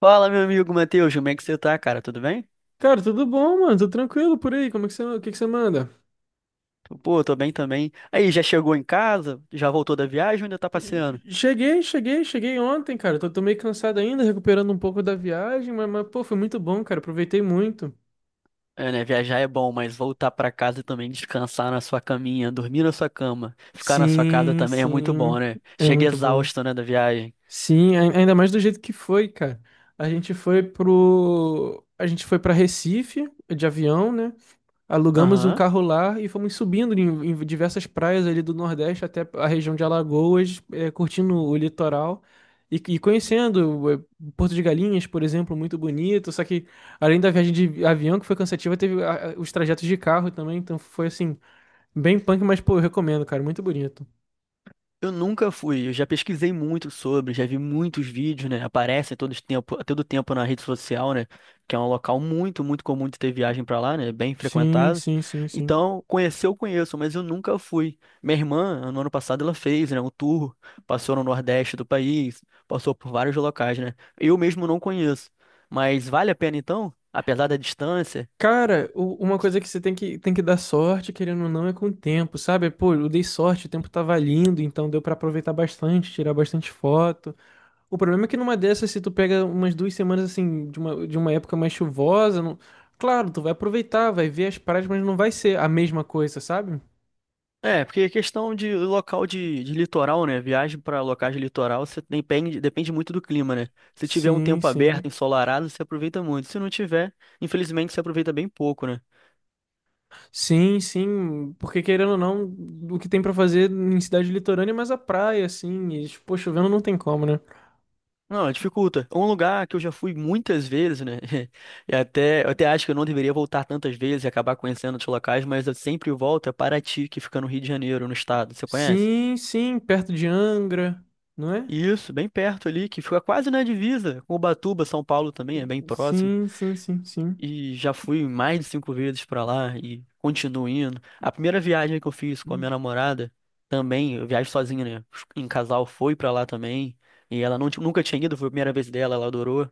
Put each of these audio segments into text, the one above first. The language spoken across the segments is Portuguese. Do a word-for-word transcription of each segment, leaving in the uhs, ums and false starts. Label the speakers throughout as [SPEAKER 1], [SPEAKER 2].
[SPEAKER 1] Fala, meu amigo Matheus, como é que você tá, cara? Tudo bem?
[SPEAKER 2] Cara, tudo bom, mano? Tô tranquilo por aí. Como é que você, o que que você manda?
[SPEAKER 1] Pô, tô bem também. Aí, já chegou em casa? Já voltou da viagem ou ainda tá passeando?
[SPEAKER 2] Cheguei, cheguei, cheguei ontem, cara. Tô, tô meio cansado ainda, recuperando um pouco da viagem, mas, mas, pô, foi muito bom, cara. Aproveitei muito.
[SPEAKER 1] É, né? Viajar é bom, mas voltar pra casa e também descansar na sua caminha, dormir na sua cama, ficar na sua casa
[SPEAKER 2] Sim,
[SPEAKER 1] também é muito bom,
[SPEAKER 2] sim.
[SPEAKER 1] né?
[SPEAKER 2] É
[SPEAKER 1] Chega
[SPEAKER 2] muito bom.
[SPEAKER 1] exausto, né, da viagem.
[SPEAKER 2] Sim, ai- ainda mais do jeito que foi, cara. A gente foi pro. A gente foi pra Recife de avião, né? Alugamos um
[SPEAKER 1] Aham.
[SPEAKER 2] carro lá e fomos subindo em, em diversas praias ali do Nordeste até a região de Alagoas, eh, curtindo o litoral e, e conhecendo eh, Porto de Galinhas, por exemplo, muito bonito. Só que além da viagem de avião, que foi cansativa, teve ah, ah, os trajetos de carro também. Então foi assim, bem punk, mas pô, eu recomendo, cara, muito bonito.
[SPEAKER 1] Eu nunca fui, eu já pesquisei muito sobre, já vi muitos vídeos, né? Aparecem todo esse tempo, a todo tempo na rede social, né? Que é um local muito, muito comum de ter viagem pra lá, né? Bem
[SPEAKER 2] Sim,
[SPEAKER 1] frequentado.
[SPEAKER 2] sim, sim, sim.
[SPEAKER 1] Então, conhecer eu conheço, mas eu nunca fui. Minha irmã, no ano passado, ela fez, né, um tour, passou no Nordeste do país, passou por vários locais, né? Eu mesmo não conheço. Mas vale a pena então, apesar da distância?
[SPEAKER 2] Cara, u- uma coisa que você tem que, tem que dar sorte, querendo ou não, é com o tempo, sabe? Pô, eu dei sorte, o tempo tava lindo, então deu pra aproveitar bastante, tirar bastante foto. O problema é que numa dessas, se tu pega umas duas semanas assim, de uma, de uma época mais chuvosa, não- claro, tu vai aproveitar, vai ver as praias, mas não vai ser a mesma coisa, sabe?
[SPEAKER 1] É, porque é questão de local de, de litoral, né? Viagem para locais de litoral, você depende, depende muito do clima, né? Se tiver um
[SPEAKER 2] Sim,
[SPEAKER 1] tempo aberto,
[SPEAKER 2] sim.
[SPEAKER 1] ensolarado, você aproveita muito. Se não tiver, infelizmente, você aproveita bem pouco, né?
[SPEAKER 2] Sim, sim, porque querendo ou não, o que tem pra fazer em cidade litorânea é mais a praia, assim, e, pô, chovendo não tem como, né?
[SPEAKER 1] Não, dificulta. Um lugar que eu já fui muitas vezes, né? E até, eu até acho que eu não deveria voltar tantas vezes e acabar conhecendo outros locais, mas eu sempre volto a Paraty, que fica no Rio de Janeiro, no estado. Você conhece?
[SPEAKER 2] Sim, sim, perto de Angra, não é?
[SPEAKER 1] Isso, bem perto ali, que fica quase na divisa com Ubatuba, São Paulo também, é bem próximo.
[SPEAKER 2] Sim, sim, sim, sim.
[SPEAKER 1] E já fui mais de cinco vezes pra lá e continuo indo. A primeira viagem que eu fiz com a minha namorada, também, eu viajo sozinho, né? Em casal, foi pra lá também. E ela não, ti- nunca tinha ido, foi a primeira vez dela, ela adorou.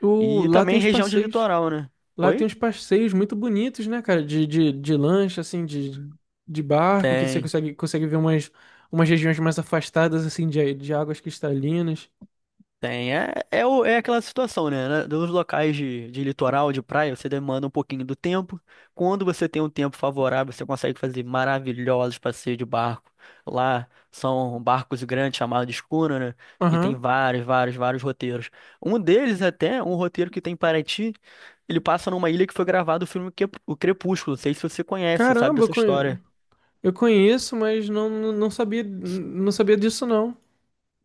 [SPEAKER 2] O,
[SPEAKER 1] E
[SPEAKER 2] lá tem
[SPEAKER 1] também
[SPEAKER 2] os
[SPEAKER 1] região de
[SPEAKER 2] passeios.
[SPEAKER 1] litoral, né?
[SPEAKER 2] Lá tem
[SPEAKER 1] Oi?
[SPEAKER 2] uns passeios muito bonitos, né, cara? De, de, de lancha, assim, de, de barco, que você
[SPEAKER 1] Tem,
[SPEAKER 2] consegue, consegue ver umas, umas regiões mais afastadas, assim, de, de águas cristalinas.
[SPEAKER 1] tem. É, é, o- é aquela situação, né? Na- Nos locais de, de litoral, de praia, você demanda um pouquinho do tempo. Quando você tem um tempo favorável, você consegue fazer maravilhosos passeios de barco. Lá são barcos grandes chamados de escuna, né? E tem
[SPEAKER 2] Aham.
[SPEAKER 1] vários, vários, vários roteiros. Um deles até, um roteiro que tem em Paraty, ele passa numa ilha que foi gravado o filme Que- O Crepúsculo. Não sei se você conhece, sabe
[SPEAKER 2] Caramba, eu
[SPEAKER 1] dessa
[SPEAKER 2] conhe-
[SPEAKER 1] história.
[SPEAKER 2] eu conheço, mas não, não não sabia, não sabia disso, não.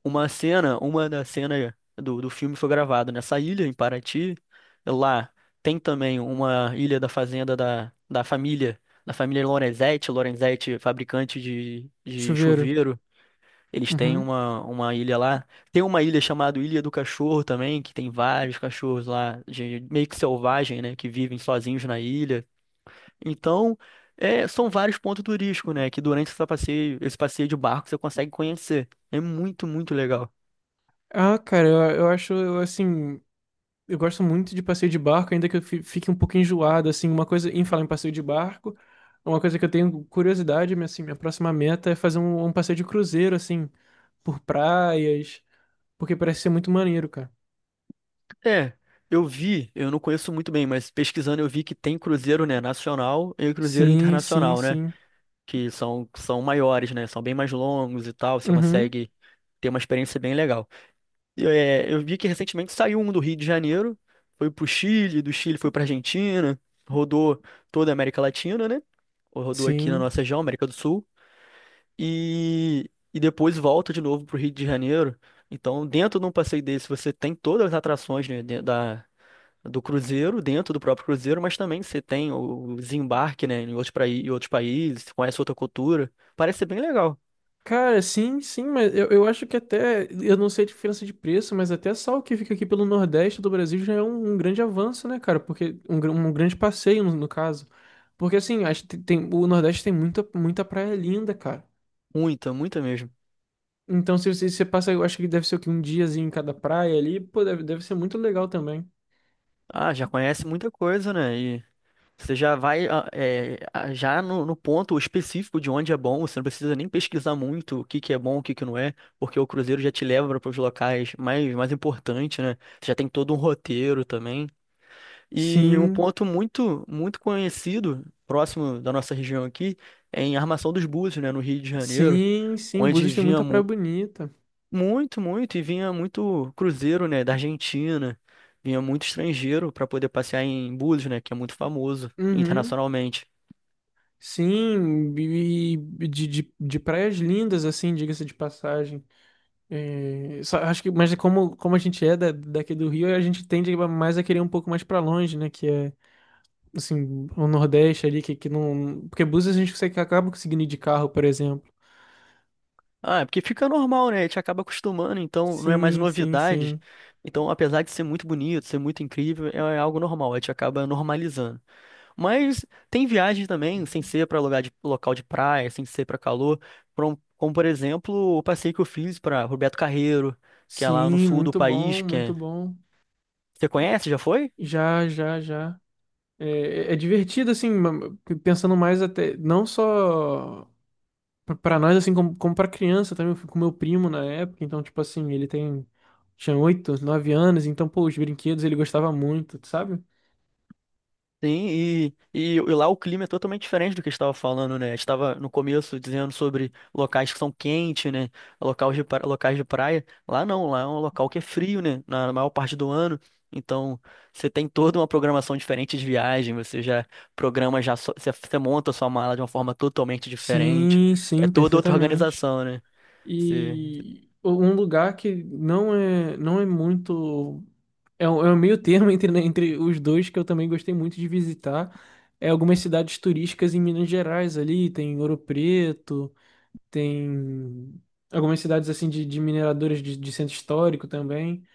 [SPEAKER 1] Uma cena, uma da cena do, do filme foi gravada nessa ilha, em Paraty. Lá tem também uma ilha da fazenda da, da família, da família Lorenzetti, Lorenzetti, fabricante de, de
[SPEAKER 2] Chuveiro.
[SPEAKER 1] chuveiro. Eles têm
[SPEAKER 2] Uhum.
[SPEAKER 1] uma, uma ilha lá. Tem uma ilha chamada Ilha do Cachorro também, que tem vários cachorros lá, de, meio que selvagem, né, que vivem sozinhos na ilha. Então, é, são vários pontos turísticos, né, que durante esse passeio, esse passeio de barco você consegue conhecer. É muito, muito legal.
[SPEAKER 2] Ah, cara, eu, eu acho, eu, assim, eu gosto muito de passeio de barco, ainda que eu fi- fique um pouco enjoado, assim, uma coisa, em falar em passeio de barco, uma coisa que eu tenho curiosidade, minha- assim, minha próxima meta é fazer um, um passeio de cruzeiro, assim, por praias, porque parece ser muito maneiro, cara.
[SPEAKER 1] É, eu vi, eu não conheço muito bem, mas pesquisando eu vi que tem cruzeiro, né, nacional e cruzeiro
[SPEAKER 2] Sim, sim,
[SPEAKER 1] internacional, né,
[SPEAKER 2] sim.
[SPEAKER 1] que são, são maiores, né, são bem mais longos e tal, você
[SPEAKER 2] Uhum,
[SPEAKER 1] consegue ter uma experiência bem legal. E, é, eu vi que recentemente saiu um do Rio de Janeiro, foi pro Chile, do Chile foi pra Argentina, rodou toda a América Latina, né, rodou aqui na
[SPEAKER 2] sim.
[SPEAKER 1] nossa região, América do Sul, e, e depois volta de novo pro Rio de Janeiro. Então, dentro de um passeio desse, você tem todas as atrações, né, de- da, do cruzeiro, dentro do próprio cruzeiro, mas também você tem o desembarque, né, em outros, prai- em outros países, você conhece outra cultura. Parece ser bem legal.
[SPEAKER 2] Cara, sim, sim, mas eu, eu acho que até, eu não sei a diferença de preço, mas até sal que fica aqui pelo Nordeste do Brasil já é um, um grande avanço, né, cara? Porque um, gr- um grande passeio, no, no caso. Porque assim, acho que tem, o Nordeste tem muita, muita praia linda, cara.
[SPEAKER 1] Muita, muita mesmo.
[SPEAKER 2] Então, se você, você passa, eu acho que deve ser o quê? Um diazinho em cada praia ali, pô, deve, deve ser muito legal também.
[SPEAKER 1] Ah, já conhece muita coisa, né? E você já vai ah, é, ah, já no, no ponto específico de onde é bom, você não precisa nem pesquisar muito o que que é bom, o que que não é, porque o cruzeiro já te leva para os locais mais, mais importantes, né? Você já tem todo um roteiro também. E um
[SPEAKER 2] Sim,
[SPEAKER 1] ponto muito, muito conhecido, próximo da nossa região aqui, é em Armação dos Búzios, né, no Rio de Janeiro,
[SPEAKER 2] sim, sim,
[SPEAKER 1] onde
[SPEAKER 2] Búzios tem
[SPEAKER 1] vinha
[SPEAKER 2] muita praia
[SPEAKER 1] mu-
[SPEAKER 2] bonita.
[SPEAKER 1] muito, muito, e vinha muito cruzeiro, né, da Argentina, vinha muito estrangeiro para poder passear em Búzios, né, que é muito famoso
[SPEAKER 2] Uhum.
[SPEAKER 1] internacionalmente.
[SPEAKER 2] Sim, e e de, de, de praias lindas, assim, diga-se de passagem. É, só acho que, mas é como, como a gente é da, daqui do Rio, a gente tende mais a querer um pouco mais pra longe, né? Que é, assim, o Nordeste ali, que, que não. Porque Búzios a gente consegue, acaba conseguindo ir de carro, por exemplo.
[SPEAKER 1] Ah, é porque fica normal, né, a gente acaba acostumando, então não é mais
[SPEAKER 2] Sim, sim,
[SPEAKER 1] novidade.
[SPEAKER 2] sim.
[SPEAKER 1] Então, apesar de ser muito bonito, ser muito incrível, é algo normal, a gente acaba normalizando. Mas tem viagens também, sem ser para lugar de local de praia, sem ser para calor, pra um- como por exemplo o passeio que eu fiz para Roberto Carreiro, que é lá no
[SPEAKER 2] Sim,
[SPEAKER 1] sul do
[SPEAKER 2] muito bom,
[SPEAKER 1] país, que
[SPEAKER 2] muito
[SPEAKER 1] é...
[SPEAKER 2] bom.
[SPEAKER 1] Você conhece? Já foi?
[SPEAKER 2] Já, já, já. É, é divertido, assim, ma- pensando mais até. Não só pra pra nós, assim, como, como pra criança também, eu fui com meu primo na época, então, tipo assim, ele tem, tinha oito, nove anos, então, pô, os brinquedos ele gostava muito, sabe?
[SPEAKER 1] Sim, e, e, e lá o clima é totalmente diferente do que a gente estava falando, né? A gente estava no começo dizendo sobre locais que são quentes, né? Locais de, pra- locais de praia. Lá não, lá é um local que é frio, né? Na maior parte do ano. Então, você tem toda uma programação diferente de viagem, você já programa, já só- você, você monta a sua mala de uma forma totalmente diferente.
[SPEAKER 2] Sim,
[SPEAKER 1] É
[SPEAKER 2] sim,
[SPEAKER 1] toda outra
[SPEAKER 2] perfeitamente.
[SPEAKER 1] organização, né?
[SPEAKER 2] E um lugar que não é, não é muito. É um, é um meio termo entre, né, entre os dois que eu também gostei muito de visitar. É algumas cidades turísticas em Minas Gerais ali, tem Ouro Preto, tem algumas cidades assim de, de mineradores de, de centro histórico também,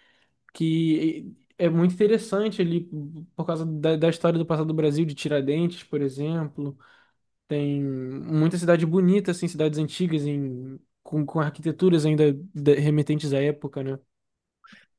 [SPEAKER 2] que é muito interessante ali por causa da, da história do passado do Brasil, de Tiradentes, por exemplo. Tem muita cidade bonita, assim, cidades antigas em, com, com arquiteturas ainda de- remetentes à época, né?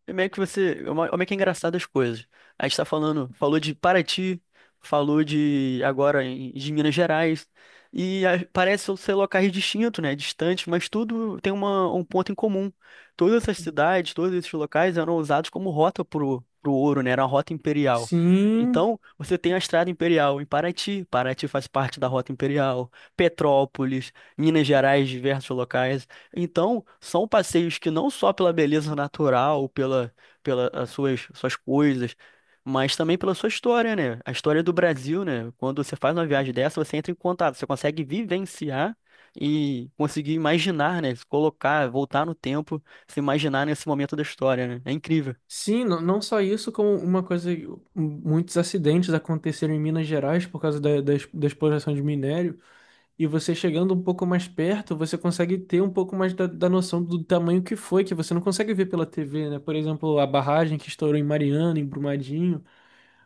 [SPEAKER 1] É meio que você. É uma- é meio que é engraçado as coisas. A gente tá falando, falou de Paraty, falou de agora em- de Minas Gerais. E a- parece ser locais distintos, né? Distantes, mas tudo tem uma, um ponto em comum. Todas essas cidades, todos esses locais eram usados como rota pro, pro ouro, né? Era uma rota imperial.
[SPEAKER 2] Sim,
[SPEAKER 1] Então, você tem a Estrada Imperial em Paraty, Paraty faz parte da Rota Imperial, Petrópolis, Minas Gerais, diversos locais. Então, são passeios que não só pela beleza natural, pela, pela as suas, suas coisas, mas também pela sua história, né? A história do Brasil, né? Quando você faz uma viagem dessa, você entra em contato, você consegue vivenciar e conseguir imaginar, né? Se colocar, voltar no tempo, se imaginar nesse momento da história, né? É incrível.
[SPEAKER 2] sim, não, não só isso, como uma coisa, muitos acidentes aconteceram em Minas Gerais por causa da, da, ex- da exploração de minério. E você chegando um pouco mais perto, você consegue ter um pouco mais da, da noção do tamanho que foi, que você não consegue ver pela T V, né? Por exemplo, a barragem que estourou em Mariana, em Brumadinho,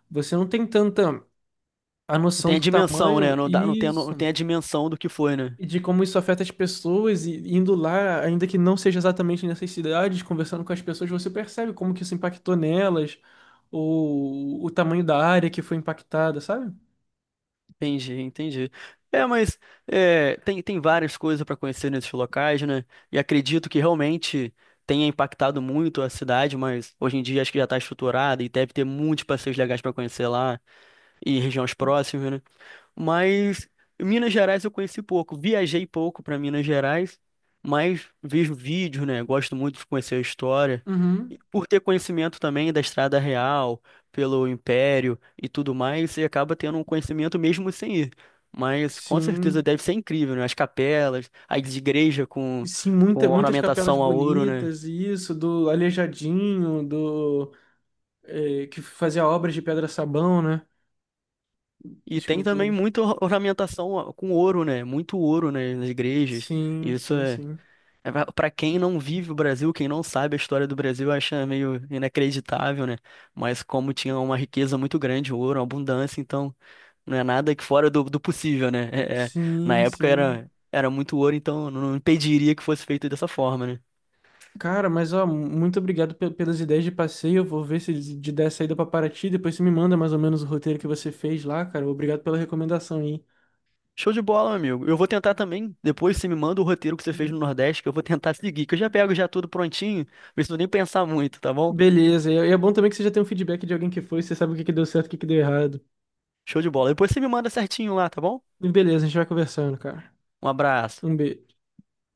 [SPEAKER 2] você não tem tanta a
[SPEAKER 1] Não
[SPEAKER 2] noção
[SPEAKER 1] tem a
[SPEAKER 2] do
[SPEAKER 1] dimensão, né?
[SPEAKER 2] tamanho
[SPEAKER 1] Não dá, não tem, a no- não
[SPEAKER 2] isso
[SPEAKER 1] tem a dimensão do que foi, né?
[SPEAKER 2] e de como isso afeta as pessoas, e indo lá, ainda que não seja exatamente nessas cidades, conversando com as pessoas, você percebe como que isso impactou nelas, ou o tamanho da área que foi impactada, sabe?
[SPEAKER 1] Entendi, entendi. É, mas é, tem, tem várias coisas para conhecer nesses locais, né? E acredito que realmente tenha impactado muito a cidade, mas hoje em dia acho que já está estruturada e deve ter muitos passeios legais para conhecer lá e regiões próximas, né? Mas Minas Gerais eu conheci pouco. Viajei pouco para Minas Gerais, mas vejo vídeos, né? Gosto muito de conhecer a história. E
[SPEAKER 2] Uhum.
[SPEAKER 1] por ter conhecimento também da Estrada Real, pelo Império e tudo mais, você acaba tendo um conhecimento mesmo sem ir. Mas com certeza
[SPEAKER 2] Sim.
[SPEAKER 1] deve ser incrível, né? As capelas, as igrejas com,
[SPEAKER 2] E sim, muita,
[SPEAKER 1] com
[SPEAKER 2] muitas capelas
[SPEAKER 1] ornamentação a ouro, né?
[SPEAKER 2] bonitas, e isso, do Aleijadinho, do, eh, que fazia obras de pedra-sabão, né?
[SPEAKER 1] E tem também
[SPEAKER 2] Esculturas.
[SPEAKER 1] muita or- ornamentação com ouro, né? Muito ouro, né? Nas igrejas.
[SPEAKER 2] Sim,
[SPEAKER 1] Isso
[SPEAKER 2] sim,
[SPEAKER 1] é.
[SPEAKER 2] sim.
[SPEAKER 1] Para quem não vive o Brasil, quem não sabe a história do Brasil, acha meio inacreditável, né? Mas como tinha uma riqueza muito grande, ouro, uma abundância, então não é nada que fora do, do possível, né? É- é- na
[SPEAKER 2] Sim,
[SPEAKER 1] época
[SPEAKER 2] sim.
[SPEAKER 1] era, era muito ouro, então não impediria que fosse feito dessa forma, né?
[SPEAKER 2] Cara, mas ó, muito obrigado pe- pelas ideias de passeio. Eu vou ver se de der saída pra Paraty. Depois você me manda mais ou menos o roteiro que você fez lá, cara. Obrigado pela recomendação aí.
[SPEAKER 1] Show de bola, meu amigo. Eu vou tentar também. Depois você me manda o roteiro que você fez no Nordeste, que eu vou tentar seguir, que eu já pego já tudo prontinho, não preciso nem pensar muito, tá bom?
[SPEAKER 2] Beleza. E é e é bom também que você já tem um feedback de alguém que foi, você sabe o que que deu certo, o que que deu errado.
[SPEAKER 1] Show de bola. Depois você me manda certinho lá, tá bom?
[SPEAKER 2] E beleza, a gente vai conversando, cara.
[SPEAKER 1] Um abraço.
[SPEAKER 2] Um beijo.